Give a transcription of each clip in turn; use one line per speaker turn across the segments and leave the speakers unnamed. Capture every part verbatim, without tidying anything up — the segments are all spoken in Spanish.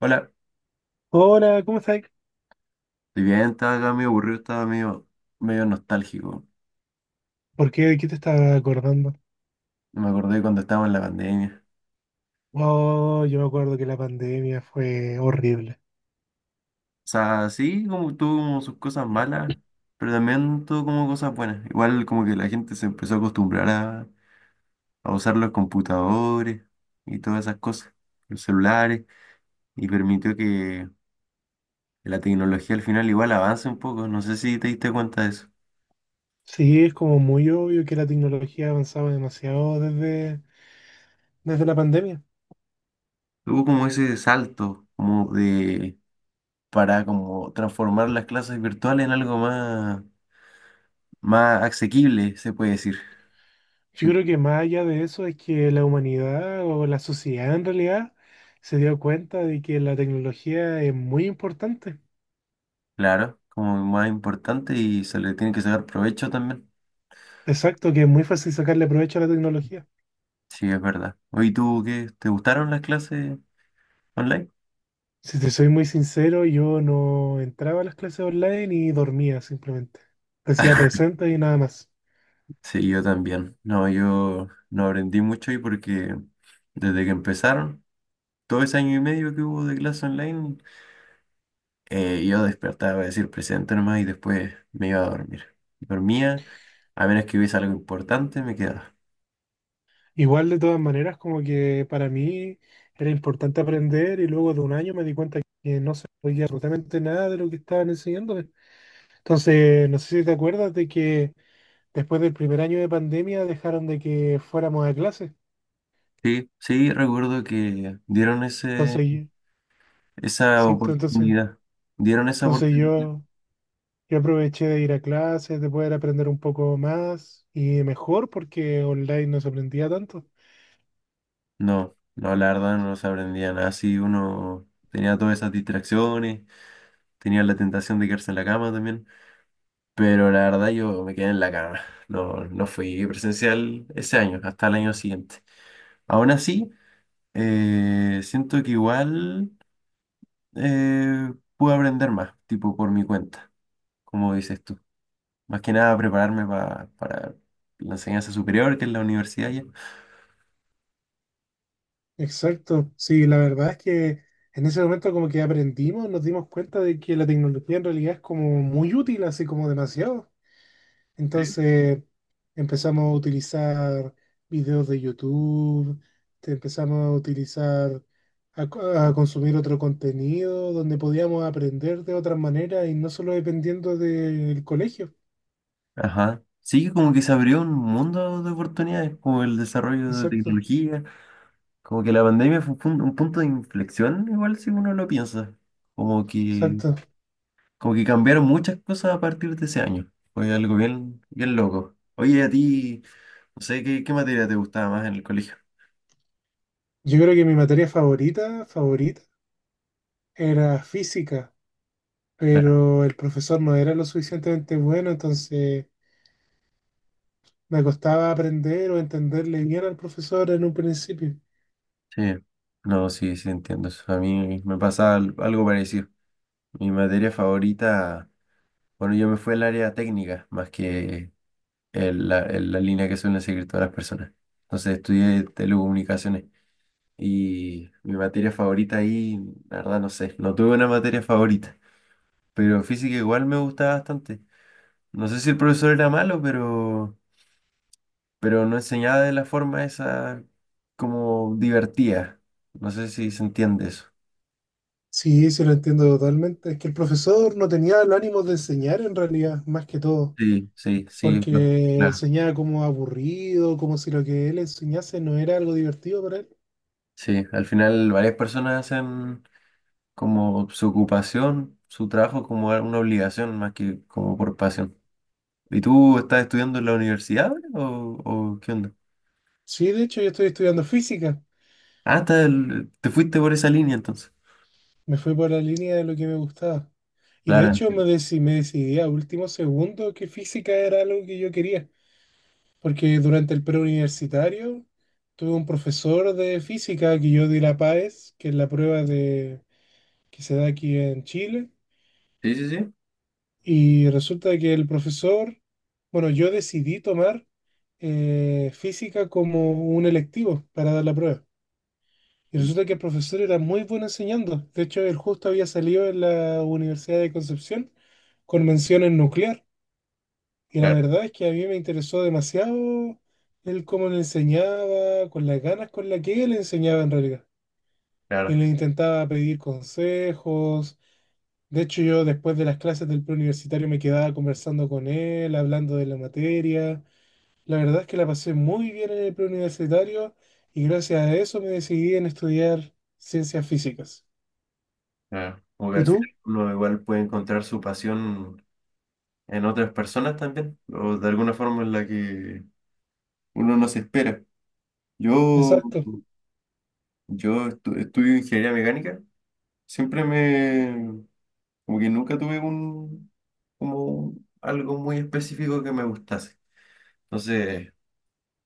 Hola,
Hola, ¿cómo estás?
estoy bien, estaba acá medio aburrido, estaba medio, medio nostálgico.
¿Por qué? ¿De qué te estaba acordando?
Me acordé cuando estábamos en la pandemia.
Oh, yo me acuerdo que la pandemia fue horrible.
O sea, sí, como tuvo como sus cosas malas, pero también tuvo como cosas buenas. Igual como que la gente se empezó a acostumbrar a, a usar los computadores y todas esas cosas, los celulares, y permitió que la tecnología al final igual avance un poco. No sé si te diste cuenta de eso.
Sí, es como muy obvio que la tecnología avanzaba demasiado desde, desde la pandemia.
Hubo como ese salto, como de, para como transformar las clases virtuales en algo más más asequible, se puede decir. Sí.
Yo creo que más allá de eso es que la humanidad o la sociedad en realidad se dio cuenta de que la tecnología es muy importante.
Claro, como más importante y se le tiene que sacar provecho también.
Exacto, que es muy fácil sacarle provecho a la tecnología.
Sí, es verdad. Oye, ¿tú qué? ¿Te gustaron las clases online?
Si te soy muy sincero, yo no entraba a las clases online y dormía simplemente. Decía presente y nada más.
Sí, yo también. No, yo no aprendí mucho ahí porque desde que empezaron, todo ese año y medio que hubo de clase online, eh, yo despertaba para decir presente nomás y después me iba a dormir. Dormía, a menos que hubiese algo importante, me quedaba.
Igual de todas maneras, como que para mí era importante aprender y luego de un año me di cuenta que no sabía absolutamente nada de lo que estaban enseñándome. Entonces, no sé si te acuerdas de que después del primer año de pandemia dejaron de que fuéramos a clases.
Sí, sí, recuerdo que dieron ese
Entonces, yo-
esa
exacto, entonces,
oportunidad. ¿Dieron esa
entonces
oportunidad?
yo, yo aproveché de ir a clases, de poder aprender un poco más y mejor porque online no se aprendía tanto.
No, no, la verdad no se aprendía nada. Así uno tenía todas esas distracciones, tenía la tentación de quedarse en la cama también. Pero la verdad yo me quedé en la cama. No, no fui presencial ese año, hasta el año siguiente. Aún así, eh, siento que igual eh, pude aprender más, tipo por mi cuenta, como dices tú. Más que nada prepararme pa- para la enseñanza superior, que es la universidad ya.
Exacto, sí, la verdad es que en ese momento como que aprendimos, nos dimos cuenta de que la tecnología en realidad es como muy útil, así como demasiado. Entonces empezamos a utilizar videos de YouTube, te- empezamos a utilizar, a, co- a consumir otro contenido donde podíamos aprender de otras maneras y no solo dependiendo del colegio.
Ajá. Sí, como que se abrió un mundo de oportunidades, como el desarrollo de
Exacto,
tecnología, como que la pandemia fue un, pun- un punto de inflexión, igual si uno lo piensa, como que,
exacto.
como que cambiaron muchas cosas a partir de ese año. Fue algo bien, bien loco. Oye, a ti, no sé, ¿qué, qué materia te gustaba más en el colegio?
Yo creo que mi materia favorita, favorita, era física,
Claro,
pero el profesor no era lo suficientemente bueno, entonces me costaba aprender o entenderle bien al profesor en un principio.
sí. No, sí, sí, entiendo eso. A mí me pasaba al- algo parecido. Mi materia favorita, bueno, yo me fui al área técnica, más que es la, es la línea que suelen seguir todas las personas. Entonces estudié telecomunicaciones y mi materia favorita ahí, la verdad no sé, no tuve una materia favorita, pero física igual me gustaba bastante. No sé si el profesor era malo, pero, pero no enseñaba de la forma esa como divertida. No sé si se entiende eso.
Sí, se lo entiendo totalmente. Es que el profesor no tenía el ánimo de enseñar en realidad, más que todo,
Sí, sí, sí, lo-
porque
claro.
enseñaba como aburrido, como si lo que él enseñase no era algo divertido para él.
Sí, al final varias personas hacen como su ocupación, su trabajo como una obligación más que como por pasión. ¿Y tú estás estudiando en la universidad ahora o, o qué onda?
Sí, de hecho yo estoy estudiando física,
Ah, estás el- te fuiste por esa línea entonces.
me fui por la línea de lo que me gustaba. Y de
Claro.
hecho me, deci- me decidí a último segundo que física era algo que yo quería. Porque durante el preuniversitario tuve un profesor de física que yo di la PAES, que es la prueba de, que se da aquí en Chile,
Sí, sí, sí.
y resulta que el profesor, bueno, yo decidí tomar eh, física como un electivo para dar la prueba. Y resulta que el profesor era muy bueno enseñando. De hecho, él justo había salido en la Universidad de Concepción con mención en nuclear. Y la
Claro,
verdad es que a mí me interesó demasiado el cómo le enseñaba, con las ganas con las que él enseñaba en realidad. Y
claro,
le intentaba pedir consejos. De hecho, yo después de las clases del preuniversitario me quedaba conversando con él, hablando de la materia. La verdad es que la pasé muy bien en el preuniversitario y gracias a eso me decidí en estudiar ciencias físicas.
claro. Como que
¿Y
al final
tú?
uno igual puede encontrar su pasión en otras personas también, o de alguna forma en la que uno no se espera. Yo,
Exacto.
yo estu- estudio ingeniería mecánica, siempre me, como que nunca tuve un, como algo muy específico que me gustase. Entonces,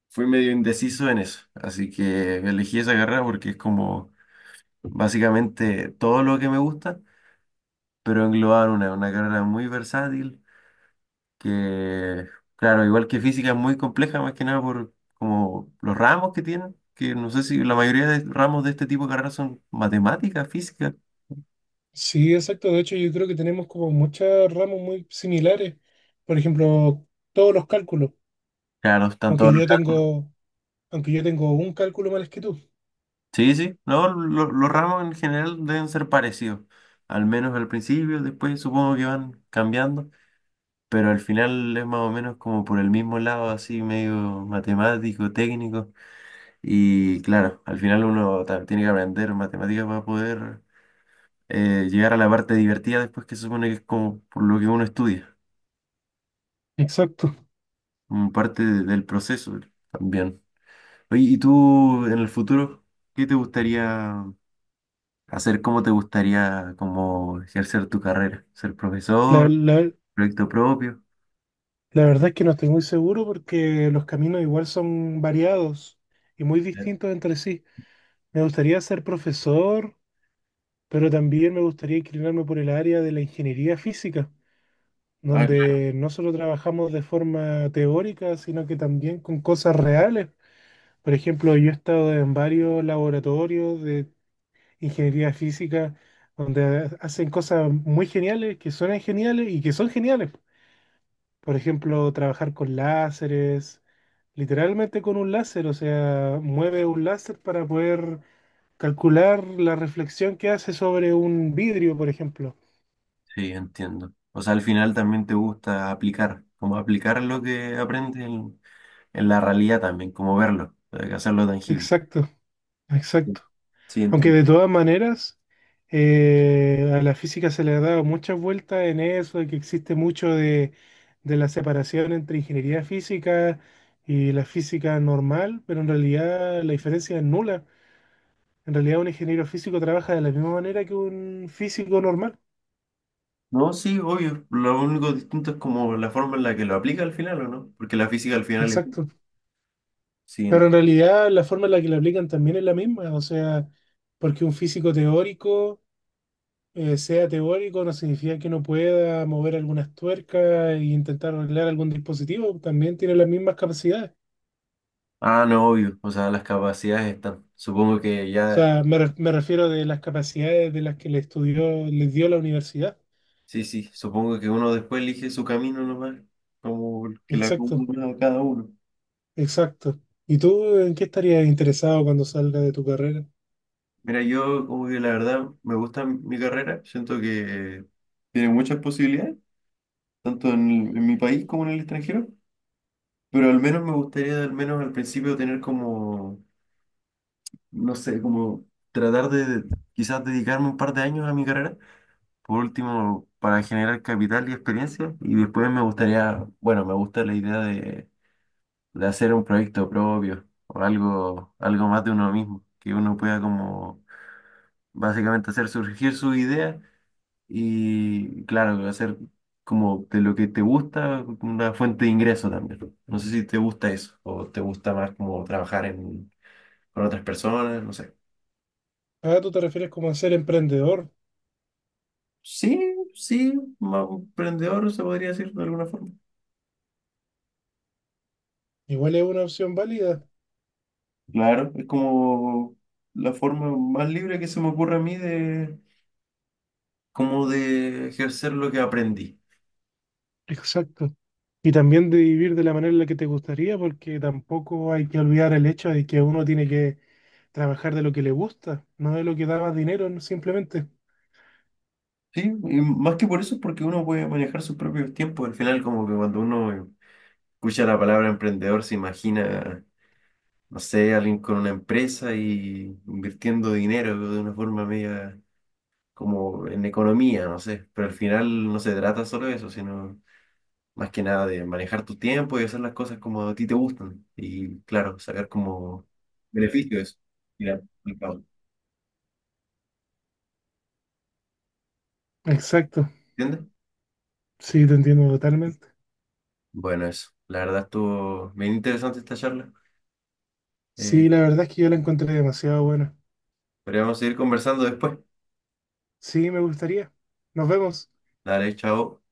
fui medio indeciso en eso, así que elegí esa carrera porque es como básicamente todo lo que me gusta, pero englobado una, una carrera muy versátil, que claro, igual que física es muy compleja, más que nada por como los ramos que tienen, que no sé si la mayoría de ramos de este tipo de carreras son matemáticas, física,
Sí, exacto. De hecho, yo creo que tenemos como muchas ramas muy similares. Por ejemplo, todos los cálculos.
claro, están
Aunque
todos los
yo
cálculos.
tengo, aunque yo tengo un cálculo más que tú.
Sí, sí, no, lo- los ramos en general deben ser parecidos, al menos al principio, después supongo que van cambiando. Pero al final es más o menos como por el mismo lado, así medio matemático, técnico. Y claro, al final uno ta- tiene que aprender matemáticas para poder eh, llegar a la parte divertida después que se supone que es como por lo que uno estudia,
Exacto.
como parte de- del proceso también. Oye, ¿y tú en el futuro qué te gustaría hacer? ¿Cómo te gustaría como ejercer tu carrera? ¿Ser
La,
profesor?
la-
¿Proyecto propio?
la verdad es que no estoy muy seguro porque los caminos igual son variados y muy
Ya.
distintos entre sí. Me gustaría ser profesor, pero también me gustaría inclinarme por el área de la ingeniería física,
Ah,
donde no solo trabajamos de forma teórica, sino que también con cosas reales. Por ejemplo, yo he estado en varios laboratorios de ingeniería física donde hacen cosas muy geniales, que suenan geniales y que son geniales. Por ejemplo, trabajar con láseres, literalmente con un láser, o sea, mueve un láser para poder calcular la reflexión que hace sobre un vidrio, por ejemplo.
sí, entiendo. O sea, al final también te gusta aplicar, como aplicar lo que aprendes en, en la realidad también, como verlo, o sea, hacerlo tangible.
Exacto,
Sí,
exacto.
sí,
Aunque
entiendo.
de todas maneras, eh, a la física se le ha dado muchas vueltas en eso, de que existe mucho de, de la separación entre ingeniería física y la física normal, pero en realidad la diferencia es nula. En realidad un ingeniero físico trabaja de la misma manera que un físico normal.
No, sí, obvio. Lo único distinto es como la forma en la que lo aplica al final, ¿o no? Porque la física al final es una.
Exacto.
Sí. ent-
Pero en realidad la forma en la que la aplican también es la misma, o sea, porque un físico teórico... eh, sea teórico no significa que no pueda mover algunas tuercas e intentar arreglar algún dispositivo, también tiene las mismas capacidades.
Ah, no, obvio. O sea, las capacidades están. Supongo que
O
ya...
sea, me, re- me refiero de las capacidades de las que le estudió, les dio la universidad.
Sí, sí. Supongo que uno después elige su camino nomás, como el que la
Exacto,
acumula a cada uno.
exacto. ¿Y tú en qué estarías interesado cuando salgas de tu carrera?
Mira, yo como que la verdad me gusta mi carrera, siento que tiene muchas posibilidades, tanto en, el- en mi país como en el extranjero, pero al menos me gustaría al menos al principio tener como, no sé, como tratar de quizás dedicarme un par de años a mi carrera, por último, para generar capital y experiencia, y después me gustaría, bueno, me gusta la idea de, de hacer un proyecto propio o algo, algo más de uno mismo, que uno pueda como básicamente hacer surgir sus ideas y claro, hacer como de lo que te gusta, una fuente de ingreso también. No sé si te gusta eso o te gusta más como trabajar en, con otras personas, no sé.
Ah, tú te refieres como a ser emprendedor.
Sí, sí, más emprendedor se podría decir de alguna forma.
Igual es una opción válida.
Claro, es como la forma más libre que se me ocurre a mí de como de ejercer lo que aprendí.
Exacto. Y también de vivir de la manera en la que te gustaría, porque tampoco hay que olvidar el hecho de que uno tiene que trabajar de lo que le gusta, no de lo que da más dinero, ¿no? Simplemente.
Sí, y más que por eso es porque uno puede manejar sus propios tiempos. Al final, como que cuando uno escucha la palabra emprendedor, se imagina no sé, alguien con una empresa y invirtiendo dinero de una forma media como en economía, no sé, pero al final no se trata solo de eso, sino más que nada de manejar tu tiempo y hacer las cosas como a ti te gustan y claro, sacar como beneficio de eso. Mira, el pago,
Exacto.
¿entiendes?
Sí, te entiendo totalmente.
Bueno, eso, la verdad estuvo bien interesante esta charla. Eh,
Sí, la verdad es que yo la encontré demasiado buena.
podríamos seguir conversando después.
Sí, me gustaría. Nos vemos.
Dale, chao.